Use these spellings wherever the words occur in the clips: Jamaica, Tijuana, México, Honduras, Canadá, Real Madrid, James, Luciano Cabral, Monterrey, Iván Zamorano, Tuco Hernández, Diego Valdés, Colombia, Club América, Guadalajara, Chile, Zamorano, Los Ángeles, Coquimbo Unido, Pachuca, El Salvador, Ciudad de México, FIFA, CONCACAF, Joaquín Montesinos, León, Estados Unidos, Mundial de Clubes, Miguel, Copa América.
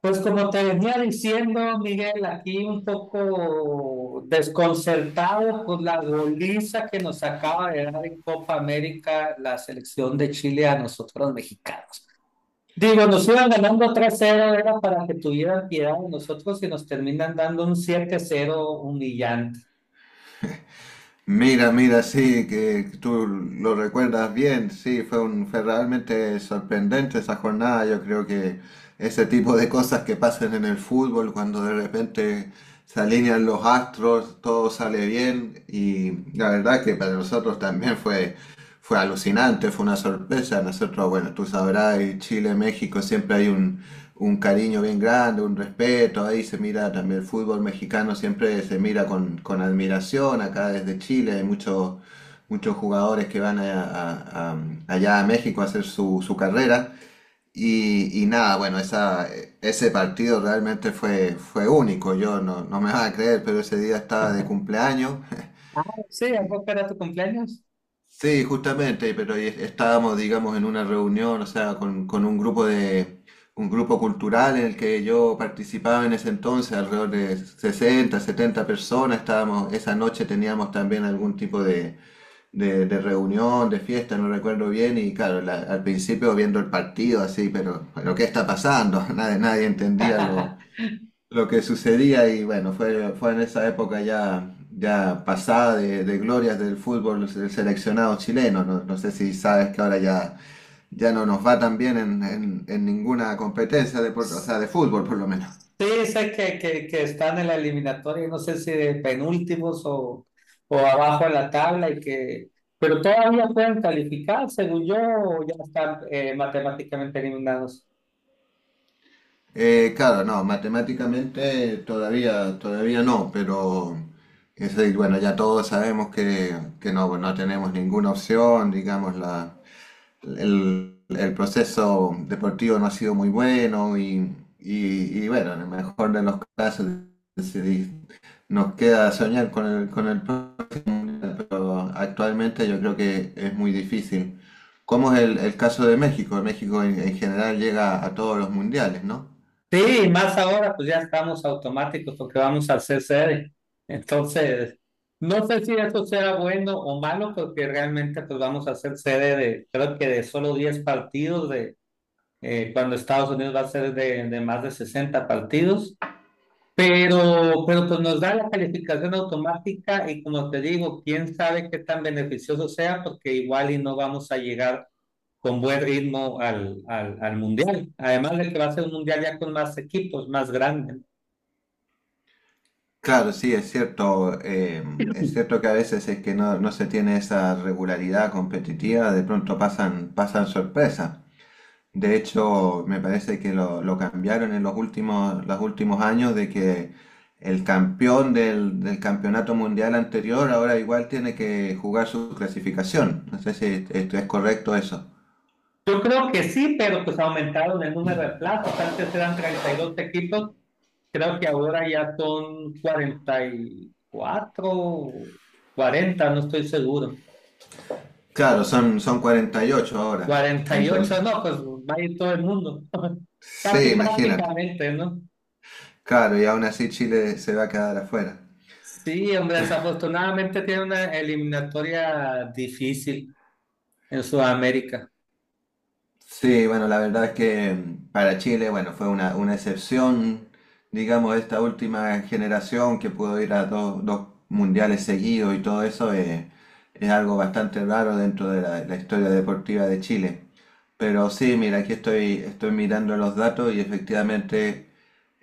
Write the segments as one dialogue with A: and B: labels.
A: Pues como te venía diciendo, Miguel, aquí un poco desconcertado por la goliza que nos acaba de dar en Copa América la selección de Chile a nosotros los mexicanos. Digo, nos iban ganando 3-0, era para que tuvieran piedad de nosotros y nos terminan dando un 7-0 humillante.
B: Mira, sí, que tú lo recuerdas bien, sí, fue realmente sorprendente esa jornada. Yo creo que ese tipo de cosas que pasan en el fútbol, cuando de repente se alinean los astros, todo sale bien, y la verdad que para nosotros también fue alucinante, fue una sorpresa. Nosotros, bueno, tú sabrás, en Chile, México, un cariño bien grande, un respeto. Ahí se mira también el fútbol mexicano, siempre se mira con admiración. Acá desde Chile hay muchos, muchos jugadores que van a- allá a México a hacer su carrera. Y nada, bueno, ese partido realmente fue único. Yo no, No me vas a creer, pero ese día estaba de cumpleaños.
A: Ah, sí, ¿a poco era tu cumpleaños?
B: Sí, justamente, pero ahí estábamos, digamos, en una reunión, o sea, con un grupo cultural en el que yo participaba en ese entonces, alrededor de 60 70 personas, estábamos, esa noche teníamos también algún tipo de reunión, de fiesta, no recuerdo bien, y claro, al principio viendo el partido así, pero ¿qué está pasando? Nadie, nadie entendía lo que sucedía y bueno, fue en esa época ya, ya pasada de glorias del fútbol del seleccionado chileno. No sé si sabes que ahora ya, ya no nos va tan bien en, en ninguna competencia, de, o sea, de fútbol por lo menos.
A: Sí, sé que están en la eliminatoria, no sé si de penúltimos o abajo en la tabla, y que, pero todavía pueden calificar, según yo, o ya están matemáticamente eliminados.
B: Claro, no, matemáticamente todavía, todavía no, pero es decir, bueno, ya todos sabemos que, no tenemos ninguna opción, digamos, el proceso deportivo no ha sido muy bueno y bueno, en el mejor de los casos decidí- nos queda soñar con el próximo mundial, pero actualmente yo creo que es muy difícil. Como es el caso de México? México en general llega a todos los mundiales, ¿no?
A: Sí, y más ahora, pues ya estamos automáticos porque vamos a hacer sede. Entonces, no sé si eso será bueno o malo, porque realmente pues vamos a hacer sede de, creo que de solo 10 partidos, de cuando Estados Unidos va a ser de, más de 60 partidos. Pero pues nos da la calificación automática y como te digo, quién sabe qué tan beneficioso sea, porque igual y no vamos a llegar con buen ritmo al mundial. Además de que va a ser un mundial ya con más equipos, más grande.
B: Claro, sí, es cierto. Es cierto que a veces es que no, no se tiene esa regularidad competitiva, de pronto pasan sorpresas. De hecho, me parece que lo cambiaron en los últimos años de que el campeón del campeonato mundial anterior ahora igual tiene que jugar su clasificación. No sé si esto es correcto eso.
A: Yo creo que sí, pero pues aumentaron el número de plazas. Antes eran 32 equipos, creo que ahora ya son 44, 40, no estoy seguro.
B: Claro, son 48 ahora.
A: cuarenta y
B: Entonces,
A: ocho no, pues va a ir todo el mundo.
B: sí,
A: Casi
B: imagínate.
A: prácticamente, ¿no?
B: Claro, y aún así Chile se va a quedar afuera.
A: Sí, hombre, desafortunadamente tiene una eliminatoria difícil en Sudamérica.
B: Sí, bueno, la verdad es que para Chile, bueno, fue una excepción, digamos, esta última generación que pudo ir a dos mundiales seguidos y todo eso, es algo bastante raro dentro de la historia deportiva de Chile. Pero sí, mira, aquí estoy mirando los datos y efectivamente,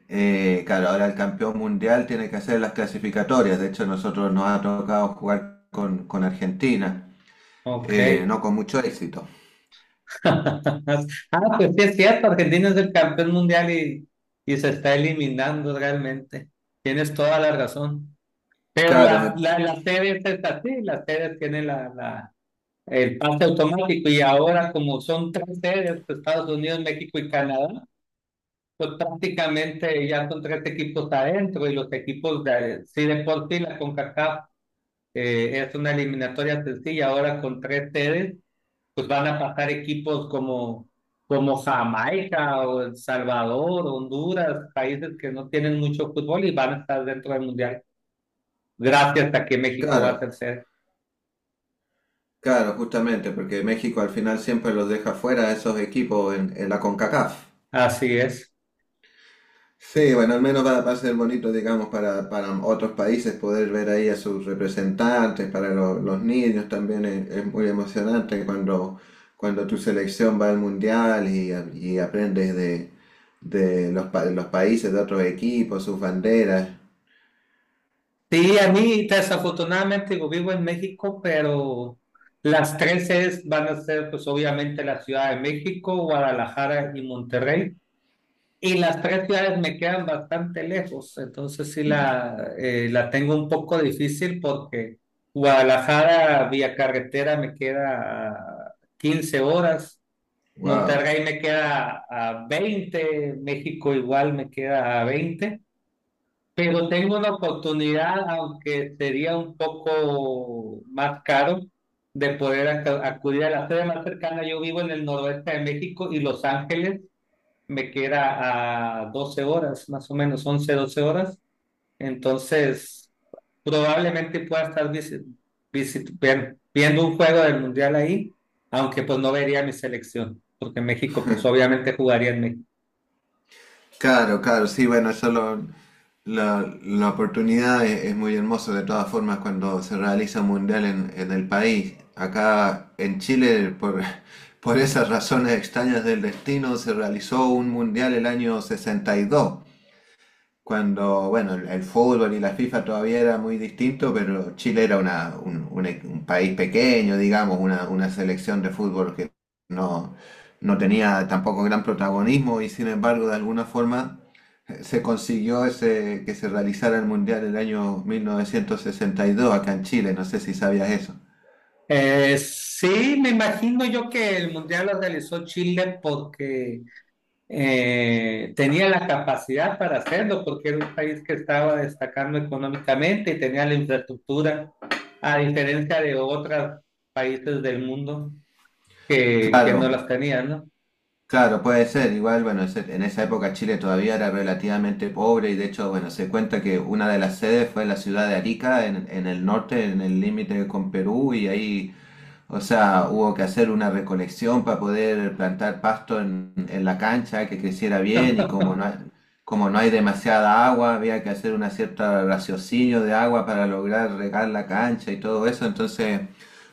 B: claro, ahora el campeón mundial tiene que hacer las clasificatorias. De hecho, nosotros nos ha tocado jugar con Argentina,
A: Ok.
B: no con mucho éxito.
A: Ah, pues sí es cierto, Argentina es el campeón mundial, y se está eliminando realmente. Tienes toda la razón. Pero
B: Claro,
A: las,
B: me-
A: la- las, series es así, las series tienen el pase automático y ahora como son tres series, pues, Estados Unidos, México y Canadá. Pues prácticamente ya son tres equipos adentro y los equipos de, si de por sí la CONCACAF es una eliminatoria sencilla, ahora con tres sedes, pues van a pasar equipos como Jamaica o El Salvador, Honduras, países que no tienen mucho fútbol y van a estar dentro del Mundial, gracias a que México va a
B: claro.
A: ser sede.
B: Claro, justamente, porque México al final siempre los deja fuera a esos equipos en la CONCACAF.
A: Así es.
B: Sí, bueno, al menos va a ser bonito, digamos, para otros países poder ver ahí a sus representantes, para los niños también es muy emocionante cuando, cuando tu selección va al mundial y aprendes de los, los países, de otros equipos, sus banderas.
A: Sí, a mí desafortunadamente digo, vivo en México, pero las tres sedes van a ser pues obviamente la Ciudad de México, Guadalajara y Monterrey. Y las tres ciudades me quedan bastante lejos, entonces sí la tengo un poco difícil porque Guadalajara vía carretera me queda a 15 horas,
B: ¡Wow!
A: Monterrey me queda a 20, México igual me queda a 20. Pero tengo una oportunidad, aunque sería un poco más caro, de poder acudir a la sede más cercana. Yo vivo en el noroeste de México y Los Ángeles me queda a 12 horas, más o menos 11, 12 horas. Entonces, probablemente pueda estar viendo un juego del Mundial ahí, aunque pues no vería mi selección, porque México pues obviamente jugaría en México.
B: Claro, claro, sí, bueno, la oportunidad es muy hermosa de todas formas cuando se realiza un mundial en el país. Acá en Chile, por esas razones extrañas del destino, se realizó un mundial el año 62. Cuando, bueno, el fútbol y la FIFA todavía era muy distinto, pero Chile era una, un e- un país pequeño, digamos, una selección de fútbol que no, no tenía tampoco gran protagonismo y sin embargo, de alguna forma, se consiguió ese, que se realizara el Mundial el año 1962 acá en Chile. No sé si sabías eso.
A: Sí, me imagino yo que el mundial lo realizó Chile porque tenía la capacidad para hacerlo, porque era un país que estaba destacando económicamente y tenía la infraestructura, a diferencia de otros países del mundo que no
B: Claro,
A: las tenían, ¿no?
B: claro, puede ser. Igual, bueno, en esa época Chile todavía era relativamente pobre y de hecho, bueno, se cuenta que una de las sedes fue en la ciudad de Arica, en el norte, en el límite con Perú y ahí, o sea, hubo que hacer una recolección para poder plantar pasto en la cancha, que creciera bien y como no hay demasiada agua, había que hacer una cierta raciocinio de agua para lograr regar la cancha y todo eso. Entonces,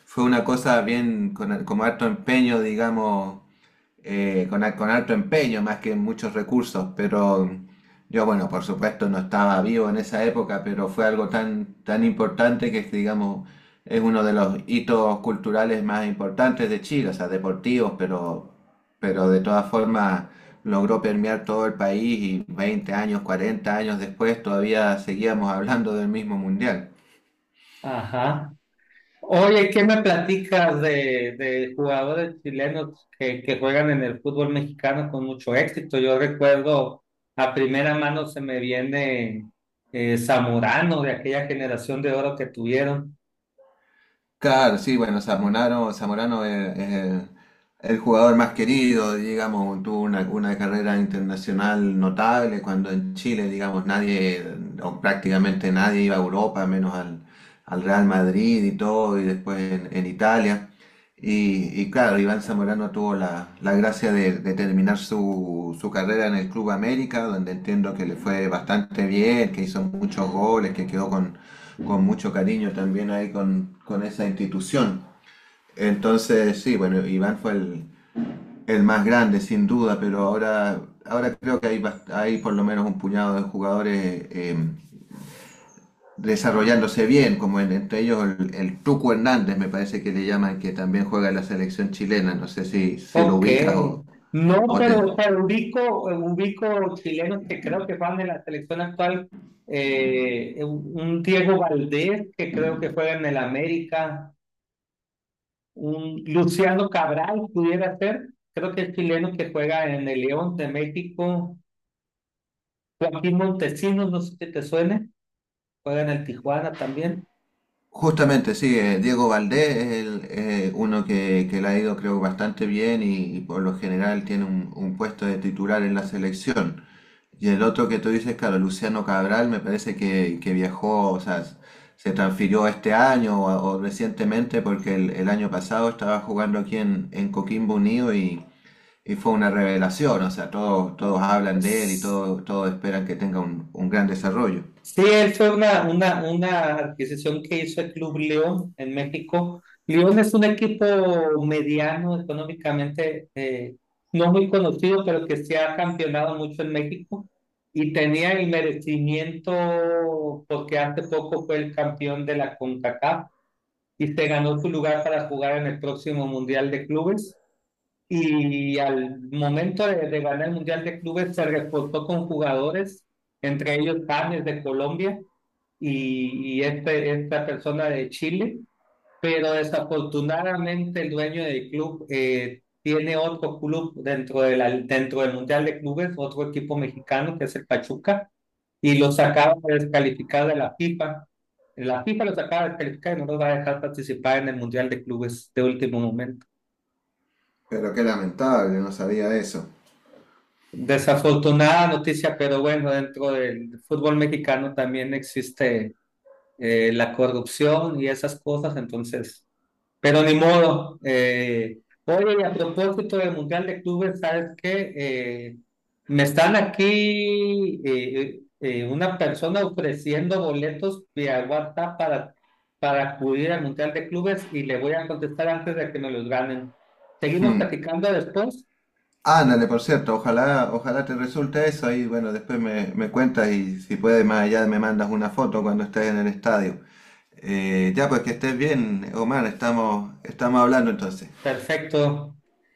B: fue una cosa bien con harto empeño, digamos, con alto empeño más que muchos recursos, pero mm, yo, bueno, por supuesto no estaba vivo en esa época, pero fue algo tan, tan importante que, digamos, es uno de los hitos culturales más importantes de Chile, o sea, deportivos, pero de todas formas logró permear todo el país y 20 años, 40 años después todavía seguíamos hablando del mismo mundial.
A: Ajá. Oye, ¿qué me platicas de jugadores chilenos que juegan en el fútbol mexicano con mucho éxito? Yo recuerdo, a primera mano se me viene Zamorano de aquella generación de oro que tuvieron.
B: Claro, sí, bueno, Zamorano es el jugador más querido, digamos, tuvo una carrera internacional notable cuando en Chile, digamos, nadie, o prácticamente nadie iba a Europa, menos al Real Madrid y todo, y después en Italia. Y claro, Iván Zamorano tuvo la gracia de terminar su carrera en el Club América, donde entiendo que le fue bastante bien, que hizo muchos goles, que quedó con mucho cariño también ahí con esa institución. Entonces, sí, bueno, Iván fue el más grande sin duda, pero ahora, ahora creo que hay por lo menos un puñado de jugadores, desarrollándose bien, como entre ellos el Tuco Hernández, me parece que le llaman, que también juega en la selección chilena. No sé si, si lo
A: Ok,
B: ubicas
A: no,
B: o te...
A: pero ubico, ubico chilenos que creo que juegan en la selección actual. Un Diego Valdés que creo que juega en el América. Un Luciano Cabral pudiera ser, creo que el chileno que juega en el León de México, Joaquín Montesinos, no sé si te suene, juega en el Tijuana también.
B: Justamente, sí, Diego Valdés es el, uno que le ha ido creo bastante bien y por lo general tiene un puesto de titular en la selección. Y el otro que tú dices, claro, Luciano Cabral, me parece que viajó, o sea, se transfirió este año o recientemente porque el año pasado estaba jugando aquí en Coquimbo Unido y fue una revelación, o sea, todos, todos hablan de él y todos, todos esperan que tenga un gran desarrollo.
A: Sí, él fue una adquisición que hizo el Club León en México. León es un equipo mediano económicamente, no muy conocido, pero que se ha campeonado mucho en México y tenía el merecimiento porque hace poco fue el campeón de la CONCACAF y te ganó tu lugar para jugar en el próximo Mundial de Clubes. Y al momento de ganar el Mundial de Clubes se reportó con jugadores, entre ellos James de Colombia y esta persona de Chile. Pero desafortunadamente el dueño del club tiene otro club dentro del Mundial de Clubes, otro equipo mexicano que es el Pachuca, y los acaba de descalificar de la FIFA. La FIFA los acaba de descalificar y no los va a dejar participar en el Mundial de Clubes de último momento.
B: Pero qué lamentable, no sabía eso.
A: Desafortunada noticia, pero bueno, dentro del fútbol mexicano también existe la corrupción y esas cosas, entonces... Pero ni modo. Oye, y a propósito del Mundial de Clubes, ¿sabes qué? Me están aquí una persona ofreciendo boletos vía WhatsApp para acudir al Mundial de Clubes y le voy a contestar antes de que me los ganen. ¿Seguimos platicando después?
B: Ándale, por cierto, ojalá, ojalá te resulte eso y bueno, después me, me cuentas y si puedes más allá me mandas una foto cuando estés en el estadio. Ya, pues que estés bien, Omar, estamos, estamos hablando entonces.
A: Perfecto.